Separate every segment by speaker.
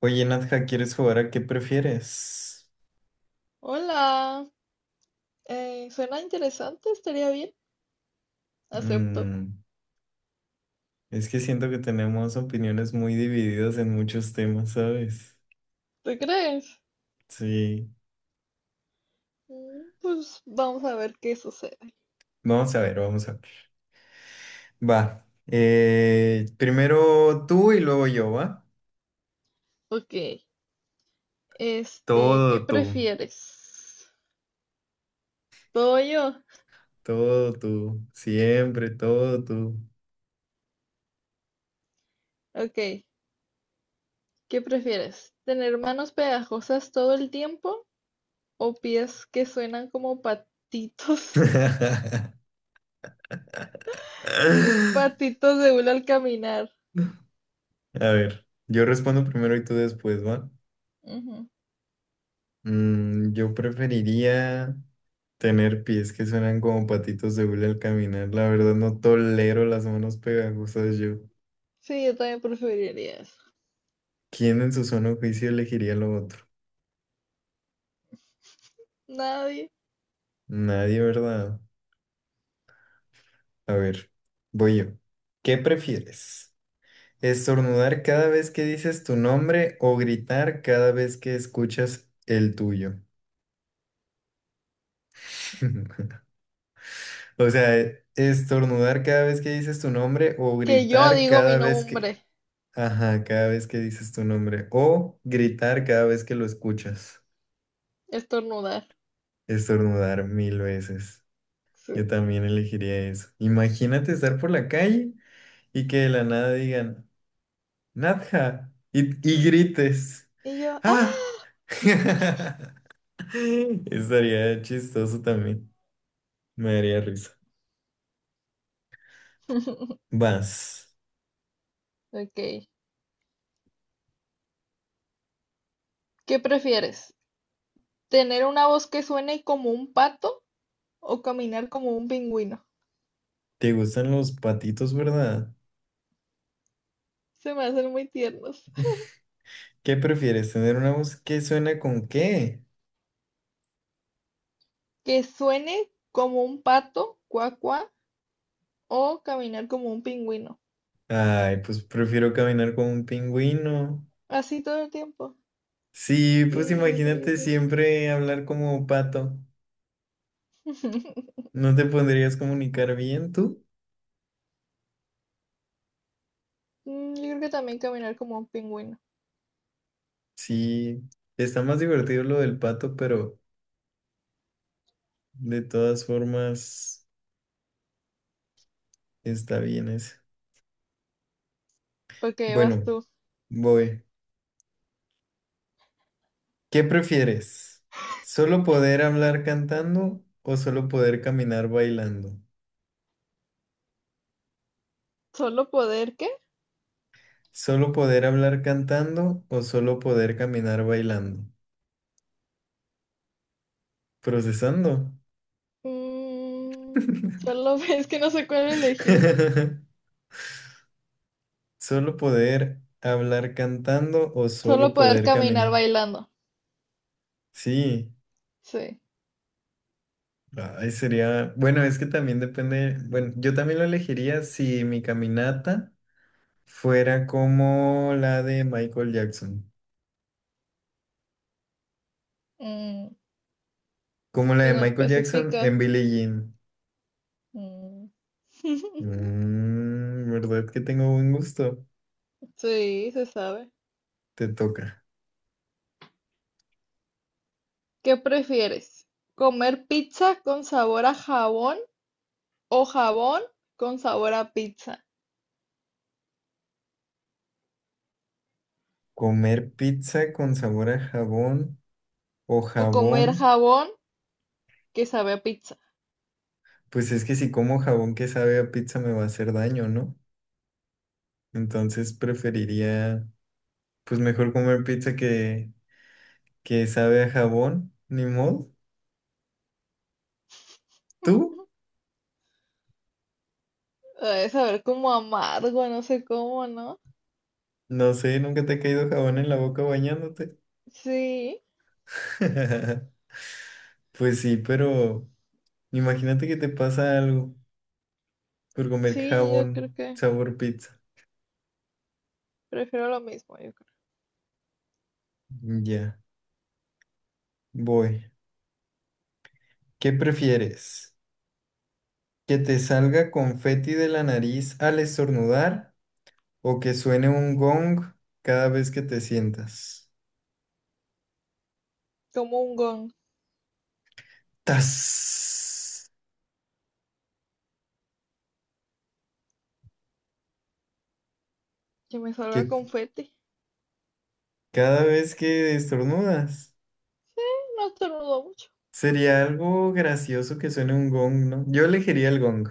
Speaker 1: Oye, Nadja, ¿quieres jugar a qué prefieres?
Speaker 2: Hola, suena interesante, estaría bien. Acepto.
Speaker 1: Mm, es que siento que tenemos opiniones muy divididas en muchos temas, ¿sabes?
Speaker 2: ¿Te crees?
Speaker 1: Sí.
Speaker 2: Mm, pues vamos a ver qué sucede.
Speaker 1: Vamos a ver, vamos a ver. Va. Primero tú y luego yo, ¿va?
Speaker 2: Ok, ¿qué
Speaker 1: Todo tú.
Speaker 2: prefieres? ¿Todo yo?
Speaker 1: Todo tú. Siempre, todo tú.
Speaker 2: Ok, ¿qué prefieres? ¿Tener manos pegajosas todo el tiempo o pies que suenan como patitos, patitos de hule al caminar?
Speaker 1: A ver, yo respondo primero y tú después, ¿va?
Speaker 2: Ujú.
Speaker 1: Yo preferiría. Tener pies que suenan como patitos de hule al caminar. La verdad no tolero las manos pegajosas yo.
Speaker 2: Sí, yo también preferiría eso.
Speaker 1: ¿Quién en su sano juicio elegiría lo otro?
Speaker 2: Nadie.
Speaker 1: Nadie, ¿verdad? A ver, voy yo. ¿Qué prefieres? ¿Estornudar cada vez que dices tu nombre o gritar cada vez que escuchas el tuyo? O sea, estornudar cada vez que dices tu nombre o
Speaker 2: Que yo
Speaker 1: gritar
Speaker 2: digo mi
Speaker 1: cada vez que...
Speaker 2: nombre,
Speaker 1: Ajá, cada vez que dices tu nombre o gritar cada vez que lo escuchas.
Speaker 2: estornudar.
Speaker 1: Estornudar mil veces. Yo
Speaker 2: Sí.
Speaker 1: también elegiría eso. Imagínate estar por la calle y que de la nada digan, Nadja, y grites.
Speaker 2: Y yo,
Speaker 1: ¡Ah!
Speaker 2: ¡ah!
Speaker 1: Estaría chistoso también. Me daría risa. Vas.
Speaker 2: Ok. ¿Qué prefieres? ¿Tener una voz que suene como un pato o caminar como un pingüino?
Speaker 1: ¿Te gustan los patitos, verdad?
Speaker 2: Se me hacen muy tiernos.
Speaker 1: ¿Qué prefieres? ¿Tener una voz que suena con qué?
Speaker 2: ¿Que suene como un pato, cuá, cuá, o caminar como un pingüino?
Speaker 1: Ay, pues prefiero caminar como un pingüino.
Speaker 2: Así todo el tiempo.
Speaker 1: Sí,
Speaker 2: Ti,
Speaker 1: pues
Speaker 2: ri, ri,
Speaker 1: imagínate
Speaker 2: ri.
Speaker 1: siempre hablar como un pato. ¿No te podrías comunicar bien tú?
Speaker 2: Mm, yo creo que también caminar como un pingüino.
Speaker 1: Sí, está más divertido lo del pato, pero de todas formas está bien eso.
Speaker 2: Porque vas
Speaker 1: Bueno,
Speaker 2: tú.
Speaker 1: voy. ¿Qué prefieres? ¿Solo poder hablar cantando o solo poder caminar bailando?
Speaker 2: ¿Solo poder qué?
Speaker 1: ¿Solo poder hablar cantando o solo poder caminar bailando? Procesando.
Speaker 2: Mm, solo es que no sé cuál elegir.
Speaker 1: ¿Solo poder hablar cantando o
Speaker 2: Solo
Speaker 1: solo
Speaker 2: poder
Speaker 1: poder
Speaker 2: caminar
Speaker 1: caminar?
Speaker 2: bailando.
Speaker 1: Sí.
Speaker 2: Sí.
Speaker 1: Ay, sería, bueno, es que también depende, bueno, yo también lo elegiría si mi caminata fuera como la de Michael Jackson,
Speaker 2: Mm,
Speaker 1: como la
Speaker 2: pues
Speaker 1: de
Speaker 2: no
Speaker 1: Michael Jackson
Speaker 2: especifica.
Speaker 1: en Billie Jean.
Speaker 2: Mm.
Speaker 1: ¿Verdad que tengo buen gusto?
Speaker 2: Sí, se sabe.
Speaker 1: Te toca.
Speaker 2: ¿Qué prefieres? ¿Comer pizza con sabor a jabón o jabón con sabor a pizza?
Speaker 1: ¿Comer pizza con sabor a jabón o
Speaker 2: ¿O comer
Speaker 1: jabón?
Speaker 2: jabón que sabe a pizza?
Speaker 1: Pues es que si como jabón que sabe a pizza me va a hacer daño, ¿no? Entonces preferiría, pues mejor comer pizza que sabe a jabón, ni modo. ¿Tú?
Speaker 2: Debe saber como amargo, no sé cómo, ¿no?
Speaker 1: No sé, nunca te ha caído jabón en la boca bañándote.
Speaker 2: Sí,
Speaker 1: Pues sí, pero imagínate que te pasa algo por comer
Speaker 2: sí, yo creo
Speaker 1: jabón
Speaker 2: que
Speaker 1: sabor pizza.
Speaker 2: prefiero lo mismo, yo creo.
Speaker 1: Ya, voy. ¿Qué prefieres? ¿Que te salga confeti de la nariz al estornudar o que suene un gong cada vez que te sientas?
Speaker 2: Como un gon,
Speaker 1: ¡Tas!
Speaker 2: que me salga
Speaker 1: Que
Speaker 2: confeti.
Speaker 1: cada vez que estornudas.
Speaker 2: Sí, no estornudo mucho.
Speaker 1: Sería algo gracioso que suene un gong, ¿no? Yo elegiría el gong.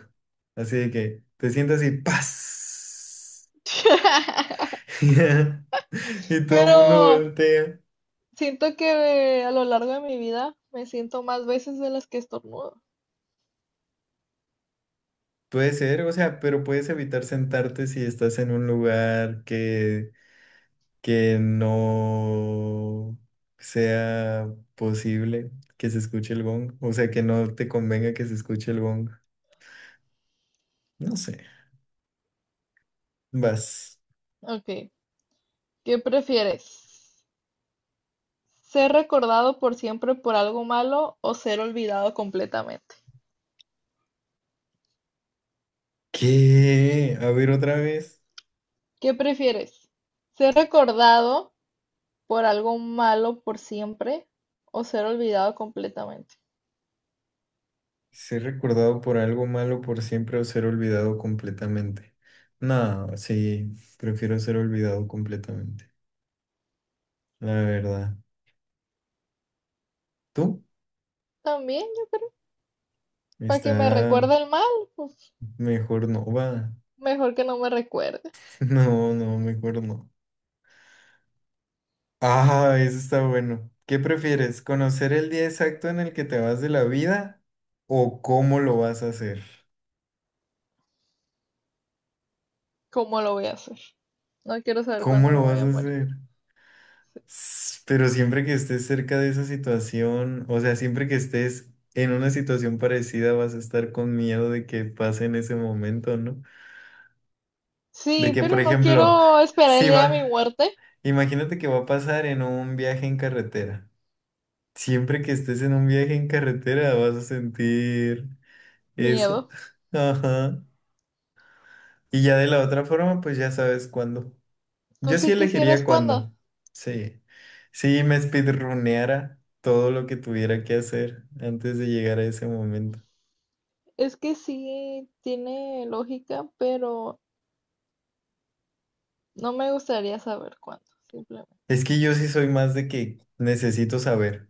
Speaker 1: Así de que te sientas y ¡paz! Y todo el mundo
Speaker 2: Pero
Speaker 1: voltea.
Speaker 2: siento que a lo largo de mi vida me siento más veces de las que estornudo.
Speaker 1: Puede ser, o sea, pero puedes evitar sentarte si estás en un lugar que no sea posible que se escuche el gong. O sea, que no te convenga que se escuche el gong. No sé. Vas.
Speaker 2: Ok, ¿qué prefieres? ¿Ser recordado por siempre por algo malo o ser olvidado completamente?
Speaker 1: ¿Qué? A ver otra vez.
Speaker 2: ¿Qué prefieres? ¿Ser recordado por algo malo por siempre o ser olvidado completamente?
Speaker 1: Ser recordado por algo malo por siempre o ser olvidado completamente. No, sí, prefiero ser olvidado completamente, la verdad. ¿Tú?
Speaker 2: También, para que me
Speaker 1: Está
Speaker 2: recuerde el mal, pues,
Speaker 1: mejor no, va.
Speaker 2: mejor que no me recuerde.
Speaker 1: No, no, mejor no. Ah, eso está bueno. ¿Qué prefieres? ¿Conocer el día exacto en el que te vas de la vida o cómo lo vas a hacer?
Speaker 2: ¿Cómo lo voy a hacer? No quiero saber
Speaker 1: ¿Cómo
Speaker 2: cuándo me
Speaker 1: lo
Speaker 2: voy
Speaker 1: vas
Speaker 2: a
Speaker 1: a
Speaker 2: morir.
Speaker 1: hacer? Pero siempre que estés cerca de esa situación, o sea, siempre que estés en una situación parecida, vas a estar con miedo de que pase en ese momento, ¿no? De
Speaker 2: Sí,
Speaker 1: que, por
Speaker 2: pero no
Speaker 1: ejemplo,
Speaker 2: quiero esperar el
Speaker 1: si
Speaker 2: día de mi
Speaker 1: va,
Speaker 2: muerte.
Speaker 1: imagínate que va a pasar en un viaje en carretera. Siempre que estés en un viaje en carretera, vas a sentir eso.
Speaker 2: Miedo.
Speaker 1: Ajá. Y ya de la otra forma, pues ya sabes cuándo.
Speaker 2: ¿Tú
Speaker 1: Yo sí
Speaker 2: sí
Speaker 1: elegiría
Speaker 2: quisieras
Speaker 1: cuándo.
Speaker 2: cuándo?
Speaker 1: Sí. Sí, me speedruneara todo lo que tuviera que hacer antes de llegar a ese momento.
Speaker 2: Es que sí tiene lógica, pero no me gustaría saber cuándo, simplemente.
Speaker 1: Es que yo sí soy más de que necesito saber.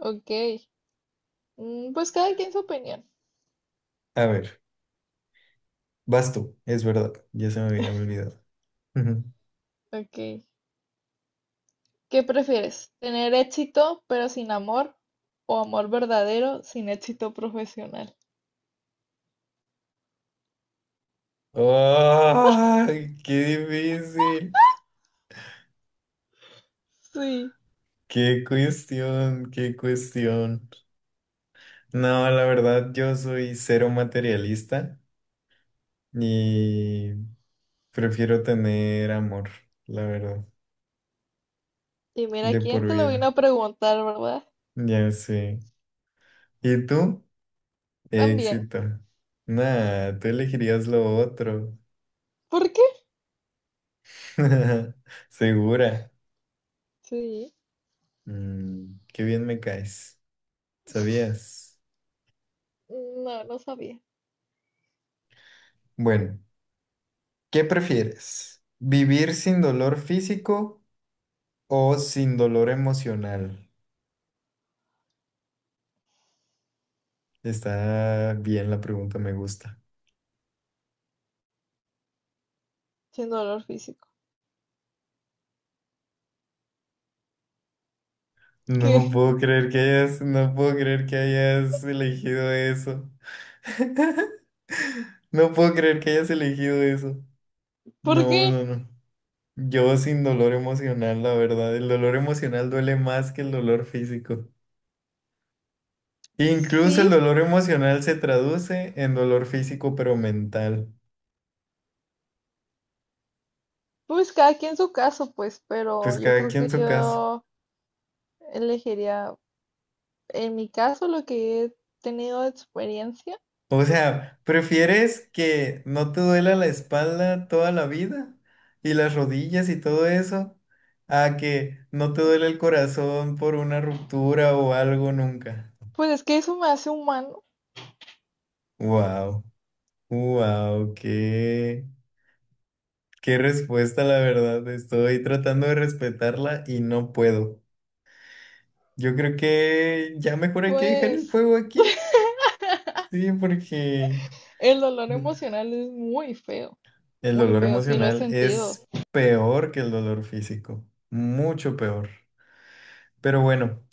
Speaker 2: Ok. Pues cada quien su opinión.
Speaker 1: A ver, vas tú, es verdad. Ya se me había olvidado. Ujú.
Speaker 2: Ok. ¿Qué prefieres? ¿Tener éxito pero sin amor? ¿O amor verdadero sin éxito profesional?
Speaker 1: ¡Ay, qué difícil!
Speaker 2: Sí.
Speaker 1: ¡Qué cuestión! ¡Qué cuestión! No, la verdad, yo soy cero materialista y prefiero tener amor, la verdad,
Speaker 2: Y mira,
Speaker 1: de
Speaker 2: ¿quién
Speaker 1: por
Speaker 2: te lo vino
Speaker 1: vida.
Speaker 2: a preguntar, verdad?
Speaker 1: Ya sé. ¿Y tú?
Speaker 2: También.
Speaker 1: Éxito. Nah, tú elegirías lo otro.
Speaker 2: ¿Por qué?
Speaker 1: Segura.
Speaker 2: Sí.
Speaker 1: Mm, qué bien me caes. ¿Sabías?
Speaker 2: No, no sabía.
Speaker 1: Bueno, ¿qué prefieres? ¿Vivir sin dolor físico o sin dolor emocional? Está bien la pregunta, me gusta.
Speaker 2: Sin dolor físico.
Speaker 1: No
Speaker 2: ¿Qué?
Speaker 1: puedo creer que hayas, No puedo creer que hayas elegido eso. No puedo creer que hayas elegido eso.
Speaker 2: ¿Por qué?
Speaker 1: No, no, no. Yo sin dolor emocional, la verdad. El dolor emocional duele más que el dolor físico. Incluso el
Speaker 2: Sí,
Speaker 1: dolor emocional se traduce en dolor físico, pero mental.
Speaker 2: pues cada quien su caso, pues, pero
Speaker 1: Pues
Speaker 2: yo
Speaker 1: cada
Speaker 2: creo que
Speaker 1: quien su caso.
Speaker 2: yo elegiría, en mi caso, lo que he tenido de experiencia,
Speaker 1: O sea, ¿prefieres que no te duela la espalda toda la vida y las rodillas y todo eso a que no te duele el corazón por una ruptura o algo nunca?
Speaker 2: pues es que eso me hace humano,
Speaker 1: Wow, wow, qué. Qué respuesta, la verdad. Estoy tratando de respetarla y no puedo. Yo creo que ya mejor hay que dejar el
Speaker 2: pues
Speaker 1: juego aquí. Sí, porque
Speaker 2: el dolor emocional es
Speaker 1: el
Speaker 2: muy
Speaker 1: dolor
Speaker 2: feo, sí lo he
Speaker 1: emocional
Speaker 2: sentido,
Speaker 1: es peor que el dolor físico. Mucho peor. Pero bueno,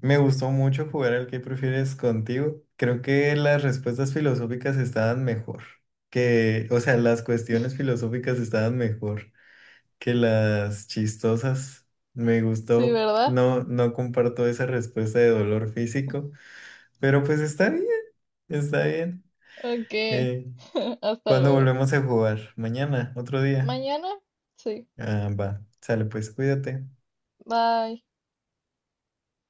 Speaker 1: me gustó mucho jugar al que prefieres contigo. Creo que las respuestas filosóficas estaban mejor. Que, o sea, las cuestiones filosóficas estaban mejor. Que las chistosas. Me
Speaker 2: sí,
Speaker 1: gustó.
Speaker 2: ¿verdad?
Speaker 1: No, no comparto esa respuesta de dolor físico, pero pues está bien, está bien.
Speaker 2: Ok,
Speaker 1: Eh,
Speaker 2: hasta
Speaker 1: ¿Cuándo
Speaker 2: luego.
Speaker 1: volvemos a jugar? Mañana, otro día.
Speaker 2: Mañana, sí,
Speaker 1: Ah, va. Sale, pues cuídate.
Speaker 2: bye.